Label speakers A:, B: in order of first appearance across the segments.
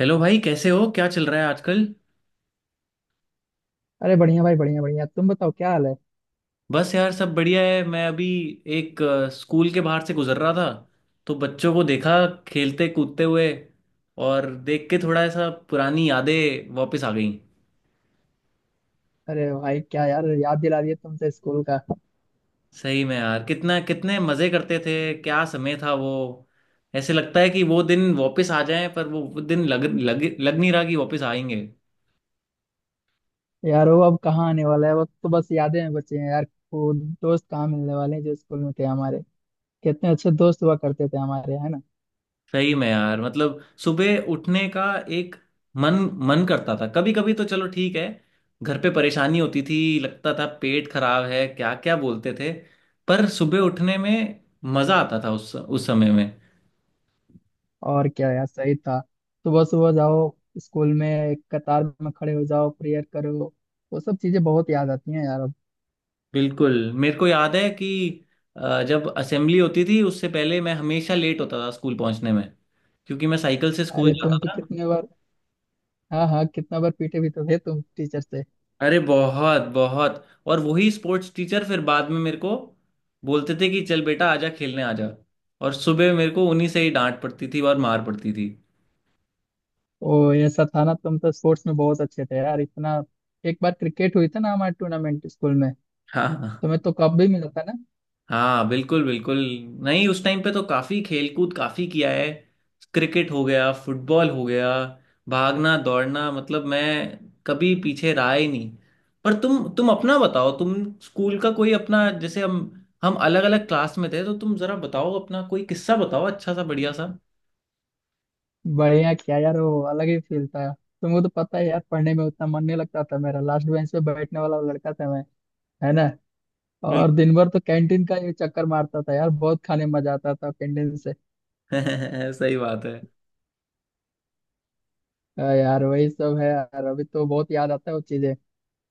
A: Hello भाई, कैसे हो? क्या चल रहा है आजकल?
B: अरे बढ़िया भाई, बढ़िया बढ़िया तुम बताओ क्या हाल है।
A: बस यार, सब बढ़िया है। मैं अभी एक स्कूल के बाहर से गुजर रहा था। तो बच्चों को देखा खेलते कूदते हुए, और देख के थोड़ा ऐसा पुरानी यादें वापस आ गई
B: अरे भाई क्या यार, याद दिला दिया तुमसे स्कूल का।
A: सही में यार, कितना कितने मज़े करते थे। क्या समय था वो। ऐसे लगता है कि वो दिन वापस आ जाएं, पर वो दिन लग लग लग नहीं रहा कि वापस आएंगे।
B: यार वो अब कहाँ आने वाला है, वो तो बस यादें में बचे हैं यार। वो दोस्त कहाँ मिलने वाले हैं जो स्कूल में थे हमारे। कितने अच्छे दोस्त हुआ करते थे हमारे, है ना।
A: सही में यार, मतलब सुबह उठने का एक मन मन करता था। कभी कभी तो चलो ठीक है, घर पे परेशानी होती थी, लगता था पेट खराब है, क्या क्या बोलते थे। पर सुबह उठने में मजा आता था उस समय में।
B: और क्या यार, सही था। सुबह सुबह जाओ, स्कूल में कतार में खड़े हो जाओ, प्रेयर करो। वो सब चीजें बहुत याद आती हैं यार अब।
A: बिल्कुल। मेरे को याद है कि जब असेंबली होती थी उससे पहले मैं हमेशा लेट होता था स्कूल पहुंचने में, क्योंकि मैं साइकिल से स्कूल
B: अरे
A: जाता
B: तुम तो
A: था।
B: कितने बार, हाँ हाँ, कितना बार पीटे भी तो थे तुम टीचर से।
A: अरे बहुत बहुत, और वही स्पोर्ट्स टीचर फिर बाद में मेरे को बोलते थे कि चल बेटा आजा खेलने आजा। और सुबह मेरे को उन्हीं से ही डांट पड़ती थी और मार पड़ती थी।
B: ओ ऐसा था ना, तुम तो स्पोर्ट्स में बहुत अच्छे थे यार इतना। एक बार क्रिकेट हुई थी ना हमारे टूर्नामेंट स्कूल में।
A: हाँ,
B: तुम्हें तो कप भी मिला था ना।
A: हाँ। बिल्कुल बिल्कुल। नहीं, उस टाइम पे तो काफी खेलकूद काफी किया है। क्रिकेट हो गया, फुटबॉल हो गया, भागना दौड़ना, मतलब मैं कभी पीछे रहा ही नहीं। पर तुम अपना बताओ, तुम स्कूल का कोई अपना, जैसे हम अलग अलग क्लास में थे तो तुम जरा बताओ अपना कोई किस्सा बताओ, अच्छा सा बढ़िया सा।
B: बढ़िया क्या यार, वो अलग ही फील था। तुमको तो पता है यार, पढ़ने में उतना मन नहीं लगता था मेरा। लास्ट बेंच पे बैठने वाला लड़का था मैं, है ना। और दिन भर तो कैंटीन का ये चक्कर मारता था यार, बहुत खाने में मजा आता था कैंटीन से।
A: बिल्कुल सही बात है।
B: यार वही सब है यार, अभी तो बहुत याद आता है वो चीजें।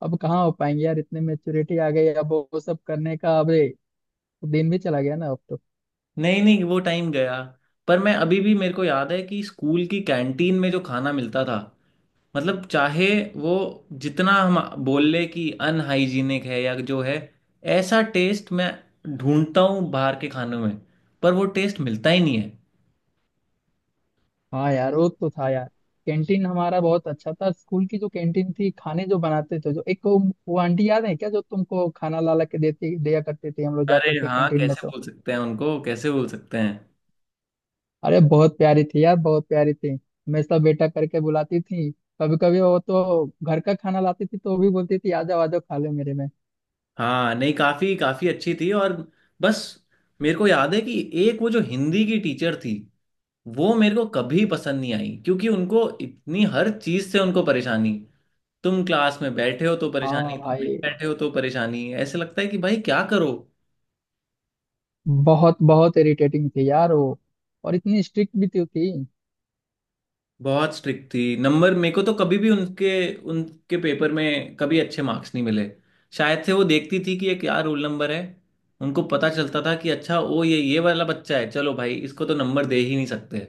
B: अब कहाँ हो पाएंगे यार, इतनी मेच्योरिटी आ गई, अब वो सब करने का। अरे दिन भी चला गया ना अब तो।
A: नहीं नहीं, वो टाइम गया। पर मैं अभी भी, मेरे को याद है कि स्कूल की कैंटीन में जो खाना मिलता था, मतलब चाहे वो जितना हम बोल ले कि अनहाइजीनिक है या जो है, ऐसा टेस्ट मैं ढूंढता हूँ बाहर के खानों में, पर वो टेस्ट मिलता ही नहीं है।
B: हाँ यार वो तो था यार। कैंटीन हमारा बहुत अच्छा था, स्कूल की जो कैंटीन थी, खाने जो बनाते थे, जो एक वो आंटी याद है क्या, जो तुमको खाना ला ला के देती दिया करती थी, हम लोग जाते
A: अरे
B: थे
A: हाँ,
B: कैंटीन में
A: कैसे
B: तो।
A: बोल सकते हैं उनको, कैसे बोल सकते हैं।
B: अरे बहुत प्यारी थी यार, बहुत प्यारी थी, हमेशा बेटा करके बुलाती थी। कभी कभी वो तो घर का खाना लाती थी, तो वो भी बोलती थी आ जाओ खा लो मेरे में।
A: हाँ, नहीं, काफी काफी अच्छी थी। और बस, मेरे को याद है कि एक वो जो हिंदी की टीचर थी, वो मेरे को कभी पसंद नहीं आई, क्योंकि उनको इतनी हर चीज से उनको परेशानी। तुम क्लास में बैठे हो तो परेशानी,
B: हाँ
A: तुम नहीं
B: भाई,
A: बैठे हो तो परेशानी, ऐसे लगता है कि भाई क्या करो।
B: बहुत बहुत इरिटेटिंग थी यार वो। और इतनी स्ट्रिक्ट भी तो थी।
A: बहुत स्ट्रिक्ट थी, नंबर मेरे को तो कभी भी उनके उनके पेपर में कभी अच्छे मार्क्स नहीं मिले। शायद से वो देखती थी कि ये क्या रोल नंबर है, उनको पता चलता था कि अच्छा, ओ ये वाला बच्चा है, चलो भाई इसको तो नंबर दे ही नहीं सकते।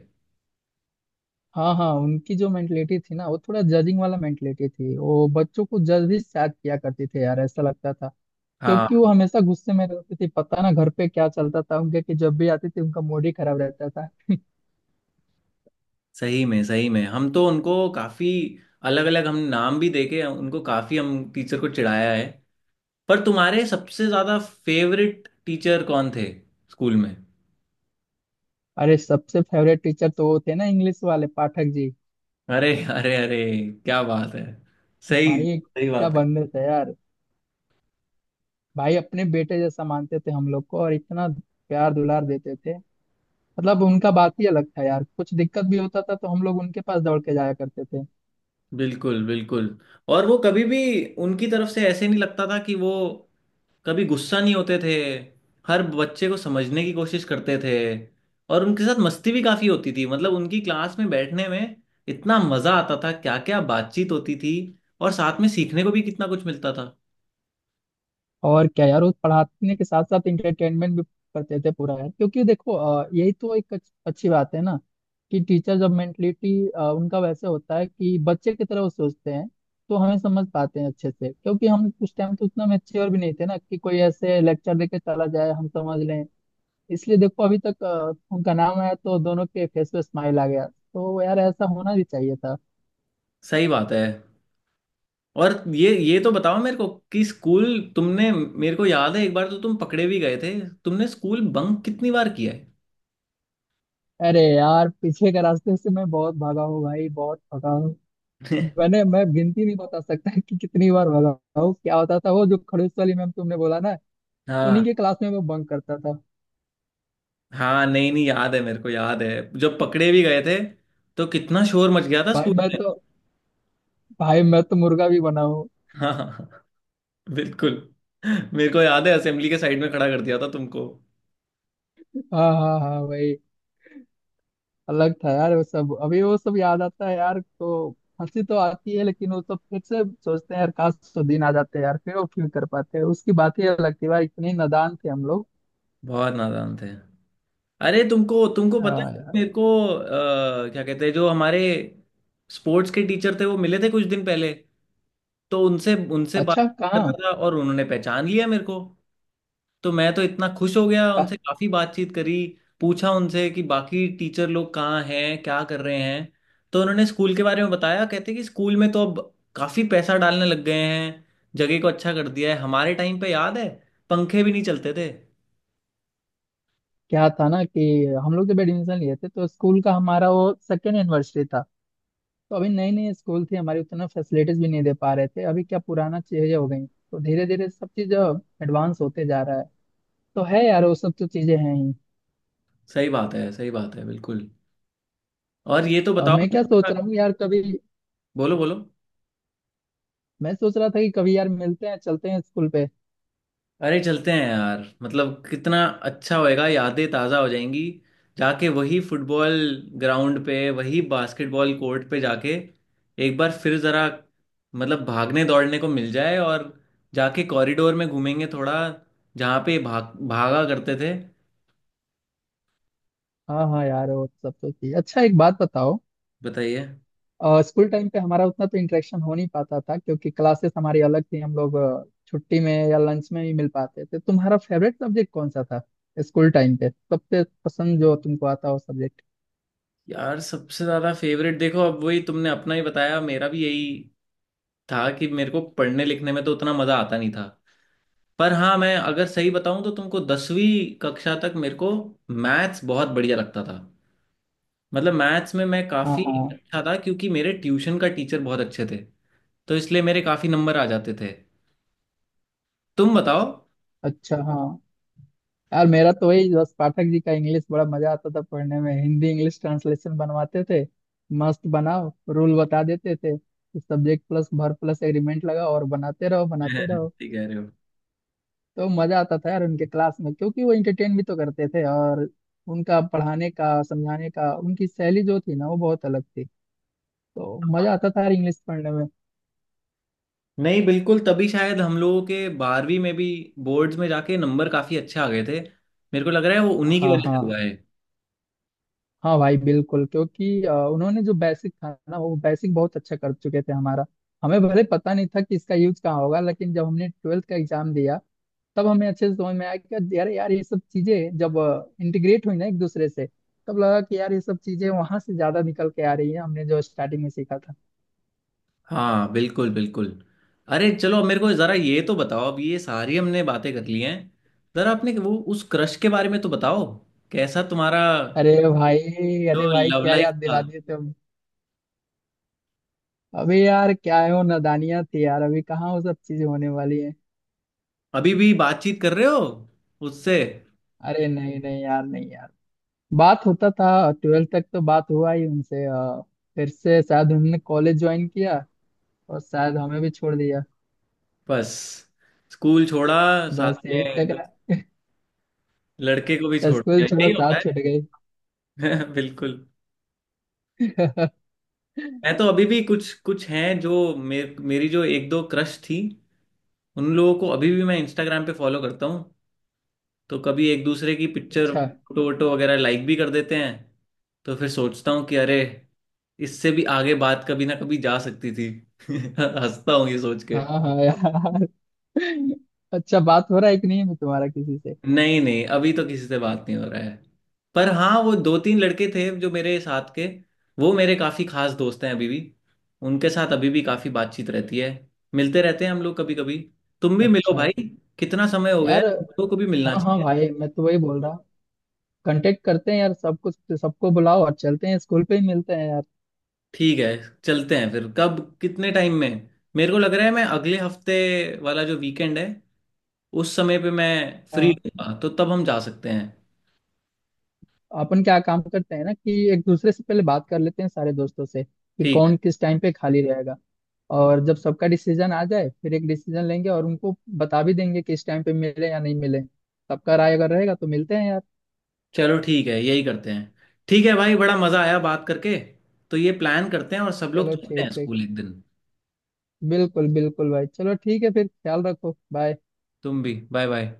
B: हाँ हाँ, उनकी जो मेंटलिटी थी ना वो थोड़ा जजिंग वाला मेंटलिटी थी, वो बच्चों को जज ही शायद किया करते थे यार, ऐसा लगता था।
A: हाँ,
B: क्योंकि वो हमेशा गुस्से में रहते थे, पता ना घर पे क्या चलता था उनके, कि जब भी आते थे उनका मूड ही खराब रहता था
A: सही में सही में, हम तो उनको काफी अलग अलग हम नाम भी देके उनको काफी हम टीचर को चिढ़ाया है। पर तुम्हारे सबसे ज्यादा फेवरेट टीचर कौन थे स्कूल में?
B: अरे सबसे फेवरेट टीचर तो वो थे ना, इंग्लिश वाले पाठक जी।
A: अरे अरे अरे, क्या बात है! सही
B: भाई
A: सही
B: क्या
A: बात कर।
B: बंदे थे यार। भाई अपने बेटे जैसा मानते थे हम लोग को, और इतना प्यार दुलार देते थे। मतलब उनका बात ही अलग था यार, कुछ दिक्कत भी होता था तो हम लोग उनके पास दौड़ के जाया करते थे।
A: बिल्कुल बिल्कुल। और वो कभी भी, उनकी तरफ से ऐसे नहीं लगता था कि वो कभी गुस्सा नहीं होते थे। हर बच्चे को समझने की कोशिश करते थे। और उनके साथ मस्ती भी काफी होती थी, मतलब उनकी क्लास में बैठने में इतना मजा आता था, क्या क्या बातचीत होती थी, और साथ में सीखने को भी कितना कुछ मिलता था।
B: और क्या यार, वो पढ़ाने के साथ साथ इंटरटेनमेंट भी करते थे पूरा यार। क्योंकि देखो यही तो एक अच्छी बात है ना, कि टीचर जब मेंटलिटी उनका वैसे होता है कि बच्चे की तरह वो सोचते हैं, तो हमें समझ पाते हैं अच्छे से। क्योंकि हम उस टाइम तो उतना मेच्योर भी नहीं थे ना, कि कोई ऐसे लेक्चर देके चला जाए हम समझ लें। इसलिए देखो, अभी तक उनका नाम आया तो दोनों के फेस पे स्माइल आ गया, तो यार ऐसा होना भी चाहिए था।
A: सही बात है। और ये तो बताओ मेरे को कि स्कूल, तुमने, मेरे को याद है एक बार तो तुम पकड़े भी गए थे, तुमने स्कूल बंक कितनी बार किया है?
B: अरे यार पीछे के रास्ते से मैं बहुत भागा हूँ भाई, बहुत भागा। मैं गिनती नहीं बता सकता कि कितनी बार भगा हूँ। क्या होता था वो जो खड़ूस वाली मैम, तुमने बोला ना,
A: हाँ,
B: उन्हीं के क्लास में मैं बंक करता था।
A: हाँ। नहीं नहीं, याद है, मेरे को याद है जब पकड़े भी गए थे, तो कितना शोर मच गया था
B: भाई
A: स्कूल
B: मैं
A: में।
B: तो भाई मैं तो मुर्गा भी बना हूँ।
A: हाँ हाँ। बिल्कुल। मेरे को याद है असेंबली के साइड में खड़ा कर दिया था तुमको।
B: हाँ हाँ हाँ भाई। अलग था यार वो सब, अभी वो सब याद आता है यार तो हंसी तो आती है, लेकिन वो सब फिर से सोचते हैं यार, काश वो दिन आ जाते यार, फिर वो फील कर पाते हैं। उसकी बात ही अलग थी भाई, इतने नादान थे हम लोग।
A: बहुत नादान थे। अरे तुमको तुमको पता है
B: हाँ यार।
A: मेरे को, क्या कहते हैं, जो हमारे स्पोर्ट्स के टीचर थे, वो मिले थे कुछ दिन पहले, तो उनसे उनसे बात
B: अच्छा
A: कर रहा
B: कहाँ।
A: था और उन्होंने पहचान लिया मेरे को, तो मैं तो इतना खुश हो गया, उनसे
B: कहाँ-
A: काफ़ी बातचीत करी। पूछा उनसे कि बाकी टीचर लोग कहाँ हैं, क्या कर रहे हैं, तो उन्होंने स्कूल के बारे में बताया कहते कि स्कूल में तो अब काफ़ी पैसा डालने लग गए हैं, जगह को अच्छा कर दिया है। हमारे टाइम पे याद है पंखे भी नहीं चलते थे।
B: क्या था ना, कि हम लोग जब एडमिशन लिए थे तो स्कूल का हमारा वो सेकेंड एनिवर्सरी था। तो अभी नई नई स्कूल थी हमारी, उतना फैसिलिटीज भी नहीं दे पा रहे थे, अभी क्या पुराना चीजें हो गई, तो धीरे धीरे सब चीज एडवांस होते जा रहा है। तो है यार वो सब तो चीजें हैं ही।
A: सही बात है, सही बात है, बिल्कुल। और ये तो बताओ।
B: मैं क्या सोच रहा हूँ यार, कभी
A: बोलो बोलो।
B: मैं सोच रहा था कि कभी यार मिलते हैं, चलते हैं स्कूल पे।
A: अरे चलते हैं यार, मतलब कितना अच्छा होएगा, यादें ताज़ा हो जाएंगी। जाके वही फुटबॉल ग्राउंड पे, वही बास्केटबॉल कोर्ट पे जाके एक बार फिर ज़रा, मतलब भागने दौड़ने को मिल जाए, और जाके कॉरिडोर में घूमेंगे थोड़ा, जहाँ पे भाग भागा करते थे।
B: हाँ हाँ यार वो सब तो चीज। अच्छा एक बात बताओ,
A: बताइए।
B: स्कूल टाइम पे हमारा उतना तो इंटरेक्शन हो नहीं पाता था, क्योंकि क्लासेस हमारी अलग थी, हम लोग छुट्टी में या लंच में ही मिल पाते थे। तुम्हारा फेवरेट सब्जेक्ट कौन सा था स्कूल टाइम पे, सबसे पसंद जो तुमको आता हो सब्जेक्ट?
A: यार सबसे ज़्यादा फेवरेट, देखो अब वही तुमने अपना ही बताया, मेरा भी यही था कि मेरे को पढ़ने लिखने में तो उतना मज़ा आता नहीं था। पर हाँ, मैं अगर सही बताऊं तो तुमको, 10वीं कक्षा तक मेरे को मैथ्स बहुत बढ़िया लगता था, मतलब मैथ्स में मैं
B: हाँ
A: काफ़ी
B: हाँ।
A: अच्छा था, क्योंकि मेरे ट्यूशन का टीचर बहुत अच्छे थे, तो इसलिए मेरे काफ़ी नंबर आ जाते थे। तुम बताओ।
B: अच्छा हाँ। यार मेरा तो वही बस पाठक जी का इंग्लिश, बड़ा मजा आता था पढ़ने में। हिंदी इंग्लिश ट्रांसलेशन बनवाते थे, मस्त बनाओ, रूल बता देते थे कि subject plus verb plus agreement लगाओ और बनाते रहो बनाते रहो।
A: ठीक कह रहे हो।
B: तो मजा आता था यार उनके क्लास में, क्योंकि वो इंटरटेन भी तो करते थे। और उनका पढ़ाने का समझाने का, उनकी शैली जो थी ना, वो बहुत अलग थी। तो मजा आता था यार इंग्लिश पढ़ने में।
A: नहीं बिल्कुल, तभी शायद हम लोगों के 12वीं में भी बोर्ड्स में जाके नंबर काफ़ी अच्छे आ गए थे, मेरे को लग रहा है वो उन्हीं की
B: हाँ
A: वजह से हुआ।
B: हाँ हाँ भाई बिल्कुल। क्योंकि उन्होंने जो बेसिक था ना, वो बेसिक बहुत अच्छा कर चुके थे हमारा। हमें भले पता नहीं था कि इसका यूज कहाँ होगा, लेकिन जब हमने ट्वेल्थ का एग्जाम दिया, तब हमें अच्छे से समझ में आया कि यार, ये सब चीजें जब इंटीग्रेट हुई ना एक दूसरे से, तब लगा कि यार ये सब चीजें वहां से ज्यादा निकल के आ रही है, हमने जो स्टार्टिंग में सीखा था।
A: हाँ, बिल्कुल बिल्कुल। अरे चलो, अब मेरे को जरा ये तो बताओ, अब ये सारी हमने बातें कर ली हैं, जरा आपने वो, उस क्रश के बारे में तो बताओ, कैसा तुम्हारा
B: अरे भाई
A: जो
B: अरे भाई
A: लव
B: क्या
A: लाइफ
B: याद
A: था।
B: दिला दिए तुम। अभी यार क्या है, वो नादानियां थी यार, अभी कहाँ वो सब चीजें होने वाली है।
A: अभी भी बातचीत कर रहे हो उससे?
B: अरे नहीं नहीं यार, नहीं यार। बात होता था, ट्वेल्थ तक तो बात हुआ ही उनसे, फिर से शायद उन्होंने कॉलेज ज्वाइन किया और शायद हमें भी छोड़ दिया।
A: बस, स्कूल छोड़ा, साथ
B: बस यही
A: में जो
B: टकरा,
A: लड़के को भी छोड़
B: स्कूल
A: दिया,
B: छोड़ा
A: यही होता
B: साथ छूट गई
A: है। बिल्कुल। मैं तो अभी भी, कुछ कुछ हैं जो मेरी जो एक दो क्रश थी, उन लोगों को अभी भी मैं इंस्टाग्राम पे फॉलो करता हूँ, तो कभी एक दूसरे की पिक्चर
B: अच्छा।
A: फोटो वोटो वगैरह लाइक भी कर देते हैं। तो फिर सोचता हूँ कि अरे, इससे भी आगे बात कभी ना कभी जा सकती थी। हंसता हूँ ये सोच के।
B: हाँ हाँ यार। अच्छा बात हो रहा है कि नहीं है तुम्हारा किसी से?
A: नहीं नहीं, अभी तो किसी से बात नहीं हो रहा है। पर हाँ, वो दो तीन लड़के थे जो मेरे साथ के, वो मेरे काफ़ी खास दोस्त हैं अभी भी, उनके साथ अभी भी काफ़ी बातचीत रहती है, मिलते रहते हैं हम लोग कभी कभी। तुम भी मिलो
B: अच्छा
A: भाई, कितना समय हो गया है,
B: यार।
A: तुम लोगों को भी मिलना
B: हाँ हाँ
A: चाहिए।
B: भाई, मैं तो वही बोल रहा हूँ, कांटेक्ट करते हैं यार, सब कुछ, सबको बुलाओ और चलते हैं, स्कूल पे ही मिलते हैं यार।
A: ठीक है। चलते हैं फिर, कब कितने टाइम में? मेरे को लग रहा है मैं अगले हफ्ते वाला जो वीकेंड है उस समय पे मैं फ्री हूँ, तो तब हम जा सकते हैं।
B: अपन क्या काम करते हैं ना, कि एक दूसरे से पहले बात कर लेते हैं सारे दोस्तों से कि
A: ठीक है।
B: कौन किस टाइम पे खाली रहेगा। और जब सबका डिसीजन आ जाए, फिर एक डिसीजन लेंगे और उनको बता भी देंगे कि इस टाइम पे मिले या नहीं मिले, सबका राय अगर रहेगा तो मिलते हैं यार।
A: चलो ठीक है, यही करते हैं। ठीक है भाई, बड़ा मज़ा आया बात करके, तो ये प्लान करते हैं और सब लोग
B: चलो
A: चलते हैं
B: ठीक ठीक।
A: स्कूल एक दिन।
B: बिल्कुल बिल्कुल भाई, चलो ठीक है फिर, ख्याल रखो, बाय।
A: तुम भी बाय बाय।